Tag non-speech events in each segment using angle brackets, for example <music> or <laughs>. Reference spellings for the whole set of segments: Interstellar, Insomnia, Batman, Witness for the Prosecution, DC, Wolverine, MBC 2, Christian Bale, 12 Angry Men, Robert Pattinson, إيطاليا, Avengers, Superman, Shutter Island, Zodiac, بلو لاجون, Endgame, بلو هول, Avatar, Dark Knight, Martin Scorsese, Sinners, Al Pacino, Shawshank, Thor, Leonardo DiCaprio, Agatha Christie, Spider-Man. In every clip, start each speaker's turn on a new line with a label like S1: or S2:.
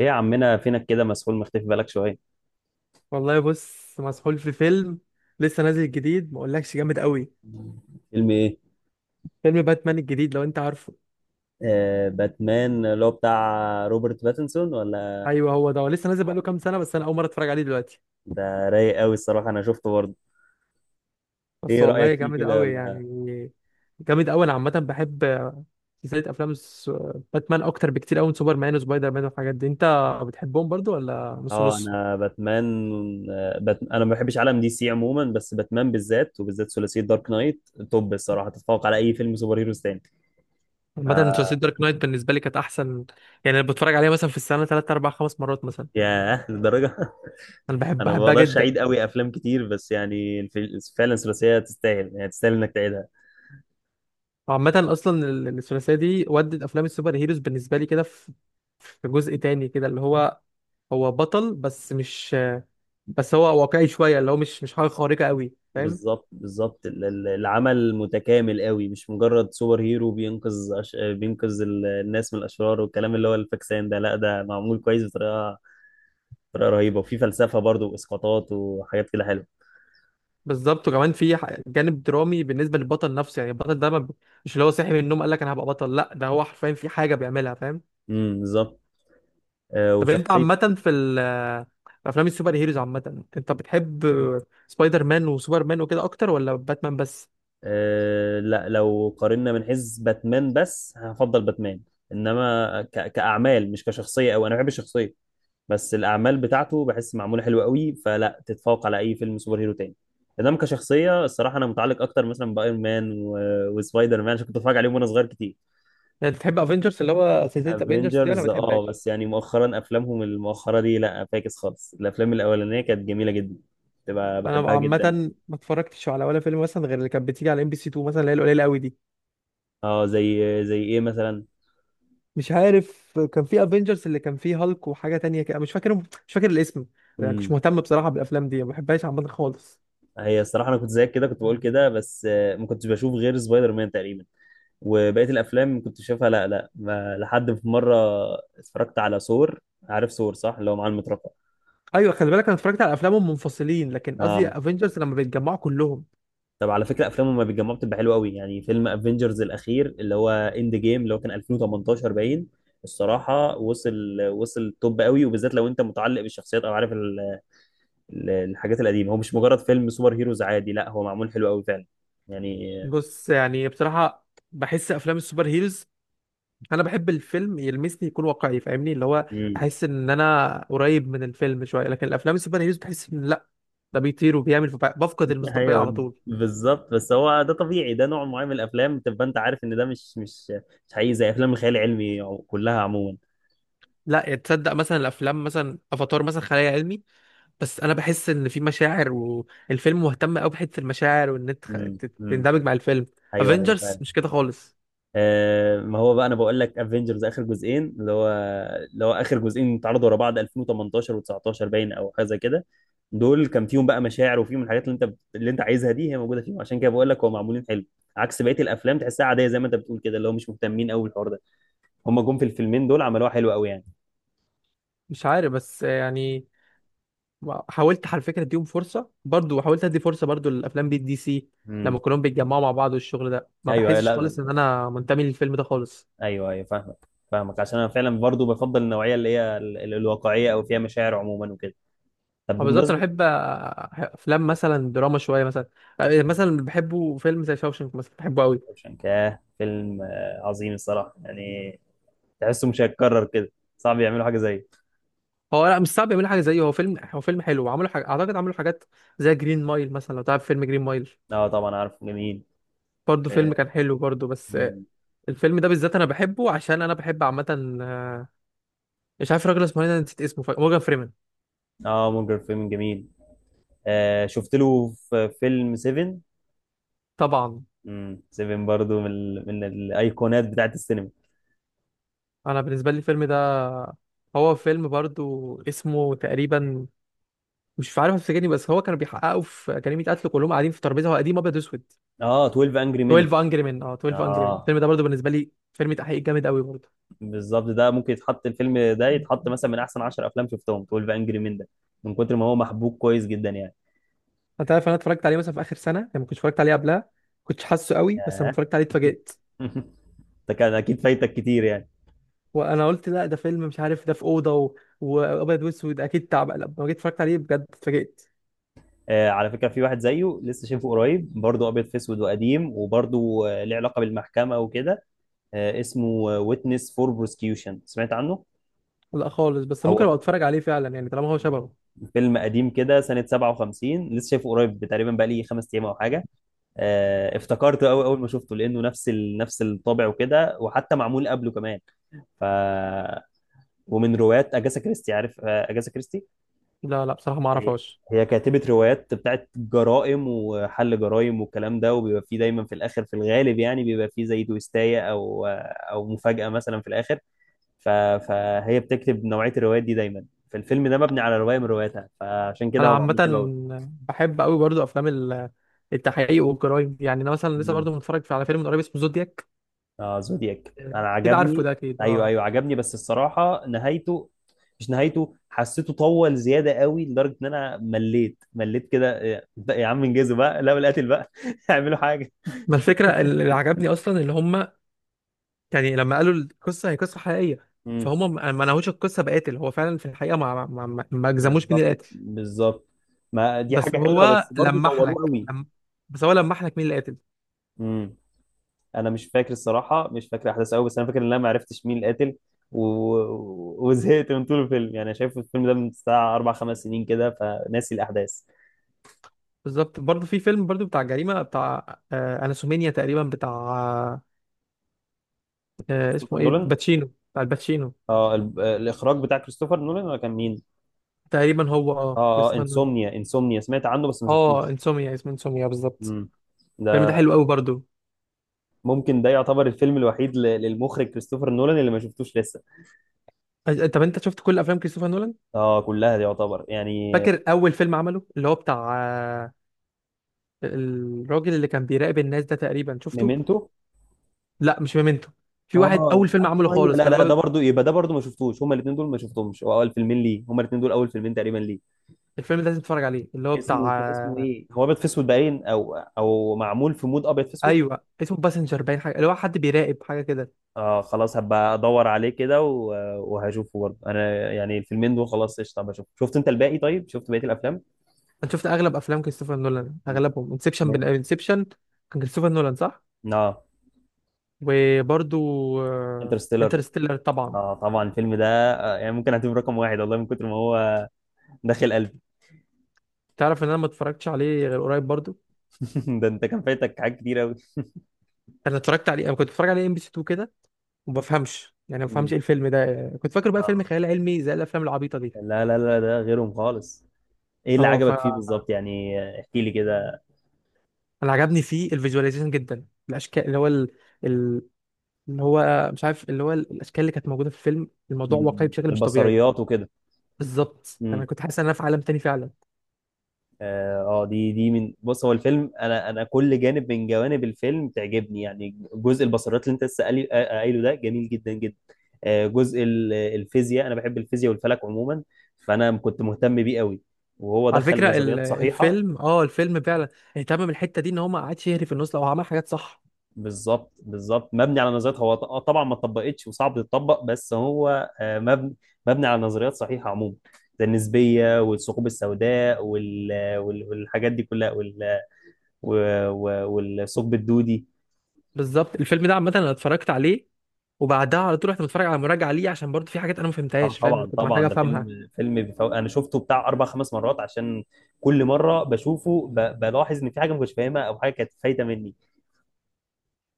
S1: ايه يا عمنا، فينك كده؟ مسحول، مختفي بالك شويه.
S2: والله بص، مسحول في فيلم لسه نازل جديد. ما اقولكش جامد قوي.
S1: فيلم ايه؟
S2: فيلم باتمان الجديد لو انت عارفه.
S1: آه، باتمان اللي هو بتاع روبرت باتنسون ولا؟
S2: ايوه، هو ده. هو لسه نازل بقاله كام سنه، بس انا اول مره اتفرج عليه دلوقتي.
S1: ده رايق قوي الصراحه، انا شفته برضه.
S2: بس
S1: ايه رايك
S2: والله
S1: فيه
S2: جامد
S1: كده
S2: قوي يعني.
S1: ولا؟
S2: جامد قوي. انا عامه بحب سلسله افلام باتمان اكتر بكتير قوي من سوبرمان وسبايدر مان والحاجات دي. انت بتحبهم برضو ولا نص
S1: اه،
S2: نص؟
S1: انا باتمان. انا ما بحبش عالم دي سي عموما، بس باتمان بالذات، وبالذات ثلاثيه دارك نايت توب الصراحه، تتفوق على اي فيلم سوبر هيروز تاني. ف...
S2: عامه سلسله دارك نايت بالنسبه لي كانت احسن. يعني انا بتفرج عليها مثلا في السنه 3 4 5 مرات مثلا.
S1: ياه، للدرجه.
S2: انا
S1: <laughs>
S2: بحب
S1: انا ما
S2: بحبها
S1: بقدرش
S2: جدا.
S1: اعيد قوي افلام كتير، بس يعني فعلا ثلاثيه تستاهل، يعني تستاهل انك تعيدها.
S2: عامة، أصلا الثلاثية دي ودت أفلام السوبر هيروز بالنسبة لي كده. في جزء تاني كده اللي هو هو بطل بس مش بس هو واقعي شوية، اللي هو مش حاجة خارقة قوي، فاهم.
S1: بالظبط بالظبط، العمل متكامل قوي، مش مجرد سوبر هيرو بينقذ الناس من الأشرار والكلام اللي هو الفاكسان ده. لا ده معمول كويس بطريقة رهيبة، وفي فلسفة برضو وإسقاطات وحاجات كده حلوة.
S2: بالظبط، وكمان في جانب درامي بالنسبة للبطل نفسه. يعني البطل ده ما ب- مش اللي هو صاحي من النوم قال لك أنا هبقى بطل، لا ده هو حرفيا في حاجة بيعملها، فاهم.
S1: بالظبط.
S2: طب أنت
S1: وشخصية.
S2: عامة في أفلام السوبر هيروز عامة أنت بتحب سبايدر مان وسوبر مان وكده أكتر ولا باتمان بس؟
S1: لا، لو قارنا من حيث باتمان بس هفضل باتمان، إنما كأعمال مش كشخصية. أو أنا بحب الشخصية، بس الاعمال بتاعته بحس معموله حلوه قوي فلا تتفوق على اي فيلم سوبر هيرو تاني. انما كشخصيه الصراحه انا متعلق اكتر مثلا بايرون مان و... وسبايدر مان، عشان كنت بتفرج عليهم وانا صغير كتير.
S2: يعني بتحب افنجرز، اللي هو سلسلة افنجرز دي، ولا ما
S1: افنجرز اه،
S2: بتحبهاش؟
S1: بس يعني مؤخرا افلامهم المؤخره دي لا فاكس خالص، الافلام الاولانيه كانت جميله جدا، تبقى
S2: انا
S1: بحبها
S2: عامه
S1: جدا.
S2: ما اتفرجتش على ولا فيلم، مثلا، غير اللي كانت بتيجي على ام بي سي 2 مثلا، اللي هي القليله قوي دي.
S1: اه، زي ايه مثلا؟
S2: مش عارف، كان في افنجرز اللي كان فيه هالك وحاجه تانية كده، مش فاكر الاسم. يعني مش
S1: امم
S2: مهتم بصراحه بالافلام دي، ما بحبهاش عامه خالص.
S1: هي الصراحه، انا كنت زيك كده، كنت بقول كده، بس ما كنتش بشوف غير سبايدر مان تقريبا، وبقيه الافلام كنت شايفها لا، لا، ما لحد في مره اتفرجت على ثور. عارف ثور صح اللي هو معاه المطرقه؟
S2: ايوه، خلي بالك، انا اتفرجت على افلامهم منفصلين، لكن قصدي
S1: اه.
S2: افنجرز لما بيتجمعوا كلهم.
S1: طب على فكره افلامه ما بيتجمعوا بتبقى حلوه قوي، يعني فيلم افنجرز الاخير اللي هو اند جيم اللي هو كان 2018 باين، الصراحه وصل وصل توب قوي، وبالذات لو انت متعلق بالشخصيات او عارف الحاجات القديمه. هو مش مجرد فيلم سوبر هيروز عادي، لا هو معمول حلو قوي فعلا يعني.
S2: بص، يعني بصراحه بحس افلام السوبر هيروز، انا بحب الفيلم يلمسني، يكون واقعي فاهمني، اللي هو
S1: مم.
S2: احس ان انا قريب من الفيلم شويه. لكن الافلام السوبر هيروز بحس ان لا، ده بيطير وبيعمل، فبفقد المصداقيه على
S1: ايوه
S2: طول.
S1: بالظبط، بس هو ده طبيعي، ده نوع معين من الافلام، تبقى انت عارف ان ده مش حقيقي، زي افلام الخيال العلمي كلها عموما.
S2: لا، يعني تصدق مثلا الافلام، مثلا افاتار مثلا خيال علمي، بس انا بحس ان في مشاعر والفيلم مهتم قوي بحته المشاعر، وان انت
S1: امم امم
S2: تندمج مع الفيلم.
S1: ايوه ايوه
S2: افنجرز
S1: فعلا.
S2: مش كده خالص.
S1: ما هو بقى، انا بقول لك افنجرز اخر جزئين اللي هو اخر جزئين اتعرضوا ورا بعض 2018 و19 باين او حاجه زي كده، دول كان فيهم بقى مشاعر وفيهم الحاجات اللي انت عايزها دي هي موجوده فيهم، عشان كده بقول لك هو معمولين حلو، عكس بقيه الافلام تحسها عاديه زي ما انت بتقول كده اللي هو مش مهتمين قوي بالحوار ده، هم جم في الفيلمين دول عملوها حلو قوي يعني.
S2: مش عارف، بس يعني حاولت على فكره اديهم فرصه برضو، حاولت ادي فرصه برضو للافلام بالدي سي.
S1: امم،
S2: لما كلهم بيتجمعوا مع بعض والشغل ده، ما
S1: ايوه أيوة،
S2: بحسش
S1: لا،
S2: خالص ان انا منتمي للفيلم ده خالص.
S1: ايوه ايوه فاهمك فاهمك، عشان انا فعلا برضو بفضل النوعيه اللي هي الواقعيه او فيها مشاعر عموما وكده. طب
S2: ما بالظبط، انا
S1: بمناسبه.
S2: بحب افلام مثلا دراما شويه. مثلا بحبه فيلم زي شاوشنك، مثلا بحبه قوي.
S1: شانكاه فيلم عظيم الصراحه يعني، تحسه مش هيتكرر كده، صعب يعملوا حاجه زيه.
S2: هو لا، مش صعب يعملوا حاجه زيه، هو فيلم حلو، وعملوا حاجه، اعتقد عملوا حاجات زي جرين مايل مثلا، لو تعرف فيلم جرين مايل.
S1: اه طبعا، عارفه جميل.
S2: برضه فيلم
S1: اه.
S2: كان حلو برضه، بس
S1: مم.
S2: الفيلم ده بالذات انا بحبه عشان انا بحب عامه، مش عارف الراجل اسمه ايه، انا نسيت اسمه، مورجان فريمان.
S1: مونجر فيلم جميل. شفت له في فيلم 7.
S2: طبعا.
S1: 7 برضو من الايقونات بتاعت السينما.
S2: انا بالنسبه لي الفيلم ده، هو فيلم برضه اسمه تقريبا، مش عارف افتكرني، بس هو كانوا بيحققوا في أكاديمية قتل، كلهم قاعدين في ترابيزه، هو قديم ابيض واسود.
S1: اه، 12 انجري مين.
S2: 12 انجري مان. اه، 12 انجري مان.
S1: اه،
S2: الفيلم ده برضه بالنسبه لي فيلم تحقيق جامد قوي.
S1: بالظبط، ده ممكن يتحط الفيلم ده،
S2: برضه،
S1: يتحط مثلا من احسن 10 افلام شفتهم 12 انجري مين ده، من كتر ما هو محبوك كويس جدا يعني.
S2: انت عارف انا اتفرجت عليه مثلا في اخر سنه، يعني ما كنتش اتفرجت عليه قبلها، كنتش حاسه قوي، بس لما
S1: ياه.
S2: اتفرجت عليه اتفاجئت.
S1: <laughs> ده كان اكيد فايتك كتير يعني.
S2: وانا قلت لا ده فيلم مش عارف، ده في اوضه وابيض واسود، اكيد تعب. لما جيت اتفرجت عليه بجد اتفاجئت.
S1: على فكره، في واحد زيه لسه شايفه قريب، برضه ابيض في اسود وقديم، وبرضه ليه علاقه بالمحكمه وكده. اسمه ويتنس فور بروسكيوشن، سمعت عنه؟
S2: لا خالص، بس ممكن ابقى
S1: هو
S2: اتفرج عليه فعلا، يعني طالما هو شبهه.
S1: فيلم قديم كده سنه 57، لسه شايفه قريب تقريبا، بقى لي 5 ايام او حاجه. افتكرته قوي اول ما شفته، لانه نفس الطابع وكده، وحتى معمول قبله كمان. ف ومن روايات اجاسا كريستي. عارف اجاسا كريستي؟
S2: لا لا، بصراحه ما
S1: هي
S2: اعرفهاش.
S1: هي كاتبة روايات بتاعت جرائم وحل جرائم والكلام ده، وبيبقى فيه دايما في الاخر، في الغالب يعني، بيبقى فيه زي تويستاية او مفاجأة مثلا في الاخر، ف... فهي بتكتب نوعية الروايات دي دايما، فالفيلم ده مبني على رواية من رواياتها، فعشان كده
S2: انا
S1: هو
S2: عامه
S1: معمول حلو
S2: بحب قوي برضو افلام التحقيق والجرايم. يعني انا مثلا لسه
S1: قوي.
S2: برضو متفرج على فيلم من قريب اسمه زودياك،
S1: اه زودياك انا
S2: كده عارفه
S1: عجبني.
S2: ده اكيد،
S1: ايوه
S2: اه.
S1: ايوه عجبني، بس الصراحه نهايته، مش نهايته حسيته طول زياده قوي، لدرجه ان انا مليت مليت كده، إيه، يا عم انجزوا بقى، لا بالقاتل بقى. <laughs> اعملوا حاجه.
S2: ما الفكره اللي عجبني اصلا اللي هم، يعني لما قالوا القصه هي قصه حقيقيه،
S1: امم
S2: فهم ما نهوش القصه بقاتل، هو فعلا في الحقيقه ما جزموش مين اللي
S1: بالظبط
S2: قاتل.
S1: بالظبط، ما دي
S2: بس
S1: حاجه حلوه، بس
S2: هو
S1: برضه
S2: لمح
S1: طولوه
S2: لك
S1: قوي.
S2: لم... بس هو لمح لك مين اللي قاتل.
S1: امم انا مش فاكر الصراحه، مش فاكر احداث قوي، بس انا فاكر ان انا ما عرفتش مين القاتل، و... وزهقت من طول الفيلم، يعني شايف الفيلم ده من ساعه اربع خمس سنين كده، فناسي الاحداث.
S2: بالظبط. برضه في فيلم برضه بتاع جريمه، بتاع اناسومينيا تقريبا، بتاع،
S1: كريستوفر
S2: اسمه ايه،
S1: نولان.
S2: باتشينو، بتاع الباتشينو.
S1: اه، الاخراج بتاع كريستوفر نولان، ولا كان مين؟
S2: تقريبا هو،
S1: اه اه،
S2: كريستوفر نولان.
S1: انسومنيا انسومنيا سمعت عنه، بس ما
S2: اه،
S1: شفتوش.
S2: انسوميا، اسمه انسوميا بالظبط.
S1: امم
S2: الفيلم ده
S1: ده.
S2: حلو قوي برضه.
S1: ممكن ده يعتبر الفيلم الوحيد للمخرج كريستوفر نولان اللي ما شفتوش لسه.
S2: طب انت شفت كل افلام كريستوفر نولان؟
S1: اه كلها دي يعتبر يعني.
S2: فاكر اول فيلم عمله اللي هو بتاع، الراجل اللي كان بيراقب الناس ده، تقريبا شفته.
S1: ميمنتو.
S2: لا مش ميمنتو، في واحد
S1: اه
S2: اول فيلم عمله
S1: ايوه ايوه،
S2: خالص
S1: لا
S2: كان
S1: لا، ده
S2: باب.
S1: برضو يبقى، ده برضو ما شفتوش، هما الاثنين دول ما شفتهمش، هو اول فيلمين ليه، هما الاثنين دول اول فيلمين تقريبا ليه.
S2: الفيلم ده لازم تتفرج عليه، اللي هو
S1: اسمه كان اسمه
S2: بتاع،
S1: ايه، هو ابيض في اسود باين او او معمول في مود ابيض في اسود.
S2: ايوه اسمه باسنجر باين، حاجه اللي هو حد بيراقب حاجه كده.
S1: اه خلاص هبقى ادور عليه كده وهشوفه برضه انا، يعني الفيلمين دول خلاص قشطه بشوف. شفت انت الباقي طيب؟ شفت بقيه الافلام؟
S2: انا شفت اغلب افلام كريستوفر نولان اغلبهم، انسبشن،
S1: نعم.
S2: انسبشن كان كريستوفر نولان صح؟
S1: اه،
S2: وبرضو
S1: انترستيلر.
S2: انترستيلر طبعا.
S1: اه طبعا الفيلم ده، يعني ممكن اعتبره رقم واحد والله، من كتر ما هو داخل قلبي.
S2: تعرف ان انا ما اتفرجتش عليه غير قريب برضو.
S1: <laughs> ده انت كان فايتك حاجات كتير قوي.
S2: انا كنت بتفرج عليه ام بي سي 2 كده، وما بفهمش، يعني ما بفهمش
S1: مم.
S2: ايه الفيلم ده، كنت فاكر بقى فيلم
S1: اه،
S2: خيال علمي زي الافلام العبيطه دي.
S1: لا لا لا، ده غيرهم خالص. ايه اللي
S2: اه،
S1: عجبك فيه بالظبط يعني؟ احكي لي كده.
S2: انا عجبني فيه الفيجواليزيشن جدا، الاشكال اللي هو ال... اللي هو مش عارف، اللي هو الاشكال اللي كانت موجوده في الفيلم، الموضوع واقعي
S1: مم.
S2: بشكل مش طبيعي.
S1: البصريات وكده.
S2: بالظبط، انا كنت حاسس ان انا في عالم تاني فعلا.
S1: اه، دي من بص، هو الفيلم، انا كل جانب من جوانب الفيلم تعجبني، يعني جزء البصريات اللي انت لسه قايله ده، جميل جدا جدا. جزء الفيزياء، انا بحب الفيزياء والفلك عموما، فانا كنت مهتم بيه قوي، وهو
S2: على
S1: دخل
S2: فكره
S1: نظريات صحيحه.
S2: الفيلم، الفيلم فعلا اهتم الحته دي، ان هو ما قعدش يهري في النص، لو عمل حاجات صح.
S1: بالظبط بالظبط، مبني على نظريات، هو طبعا ما اتطبقتش وصعب تتطبق، بس هو مبني على نظريات صحيحه عموما، زي النسبيه والثقوب السوداء والحاجات دي كلها والثقب الدودي.
S2: بالظبط. الفيلم ده عامه انا اتفرجت عليه، وبعدها على طول رحت متفرج على مراجعه ليه، عشان برضه في حاجات انا ما فهمتهاش، فاهم، اللي
S1: طبعا
S2: كنت محتاج
S1: طبعا، ده
S2: افهمها.
S1: فيلم بيفوق. انا شفته بتاع اربع خمس مرات، عشان كل مره بشوفه بلاحظ ان في حاجه ما كنتش فاهمها او حاجه كانت فايته مني.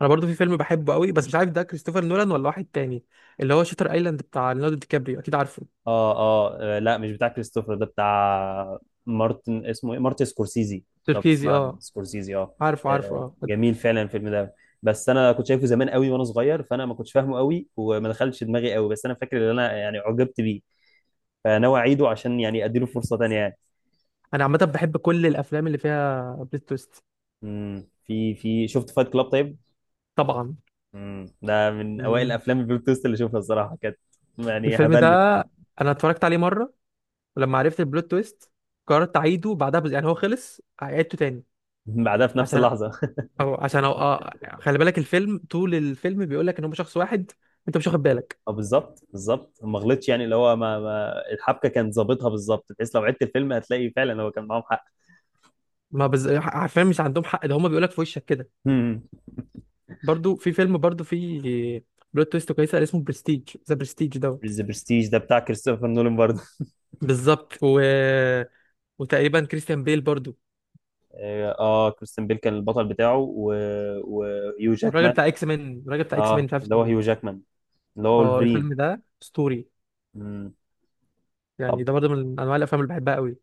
S2: انا برضه في فيلم بحبه قوي، بس مش عارف ده كريستوفر نولان ولا واحد تاني، اللي هو شاتر ايلاند بتاع ليوناردو دي كابريو، اكيد عارفه،
S1: لا، مش بتاع كريستوفر، ده بتاع مارتن، اسمه ايه، مارتن سكورسيزي. لو
S2: تركيزي
S1: بتسمع عن
S2: اه.
S1: سكورسيزي. اه.
S2: عارف عارف، اه.
S1: جميل فعلا الفيلم ده، بس انا كنت شايفه زمان قوي وانا صغير، فانا ما كنتش فاهمه قوي وما دخلش دماغي قوي، بس انا فاكر ان انا يعني عجبت بيه، فناوي اعيده عشان يعني اديله فرصه تانيه يعني.
S2: انا عامه بحب كل الافلام اللي فيها بلوت تويست.
S1: مم. في شفت فايت كلاب طيب؟
S2: طبعا.
S1: مم. ده من اوائل
S2: يعني
S1: الافلام البلوت تويست اللي اشوفها، الصراحه كانت يعني
S2: الفيلم ده
S1: هبلني.
S2: انا اتفرجت عليه مره، ولما عرفت البلوت تويست قررت اعيده بعدها يعني هو خلص، عيدته تاني،
S1: بعدها في نفس
S2: عشان
S1: اللحظه.
S2: أو عشان أو... آه... خلي بالك، الفيلم، طول الفيلم بيقول لك ان هم شخص واحد، انت مش واخد بالك.
S1: <laughs> اه بالظبط بالظبط، ما غلطش يعني اللي هو، ما الحبكه كانت ظابطها بالظبط، بحيث لو عدت الفيلم هتلاقي فعلا هو كان معاهم حق.
S2: ما عارفين مش عندهم حق، ده هم بيقول لك في وشك كده.
S1: مم.
S2: برضو في فيلم برضو في بلوت تويست كويسه اسمه برستيج، ذا برستيج.
S1: ذا برستيج ده بتاع كريستوفر نولان برضه.
S2: بالظبط، وتقريبا كريستيان بيل برضو.
S1: اه، كريستيان بيل كان البطل بتاعه وهيو
S2: والراجل
S1: جاكمان.
S2: بتاع اكس مان، الراجل بتاع اكس مان
S1: اه
S2: مش عارف
S1: اللي هو
S2: اسمه
S1: هيو
S2: إيه.
S1: جاكمان، اللي هو
S2: اه،
S1: ولفرين.
S2: الفيلم ده اسطوري.
S1: مم. طب
S2: يعني ده برضه من انواع الافلام اللي بحبها قوي.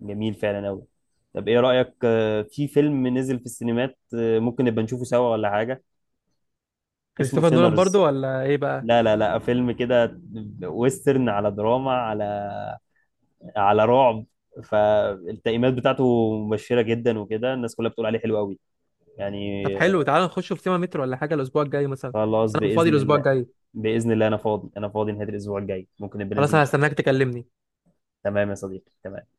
S1: جميل فعلا قوي. طب ايه رايك في فيلم نزل في السينمات، ممكن نبقى نشوفه سوا ولا حاجه؟ اسمه
S2: كريستوفر نولان برضه
S1: سينرز.
S2: ولا ايه بقى؟
S1: لا لا لا، فيلم كده ويسترن على دراما على على رعب، فالتقييمات بتاعته مبشرة جدا وكده، الناس كلها بتقول عليه حلو قوي يعني.
S2: طب حلو، تعالى نخش في سينما مترو ولا حاجه الاسبوع الجاي مثلا؟ بس
S1: خلاص
S2: انا فاضي
S1: بإذن
S2: الاسبوع
S1: الله.
S2: الجاي.
S1: بإذن الله أنا فاضي، أنا فاضي نهاية الأسبوع الجاي، ممكن نبقى
S2: خلاص،
S1: ننزل
S2: انا
S1: نشوف.
S2: هستناك تكلمني.
S1: تمام يا صديقي تمام.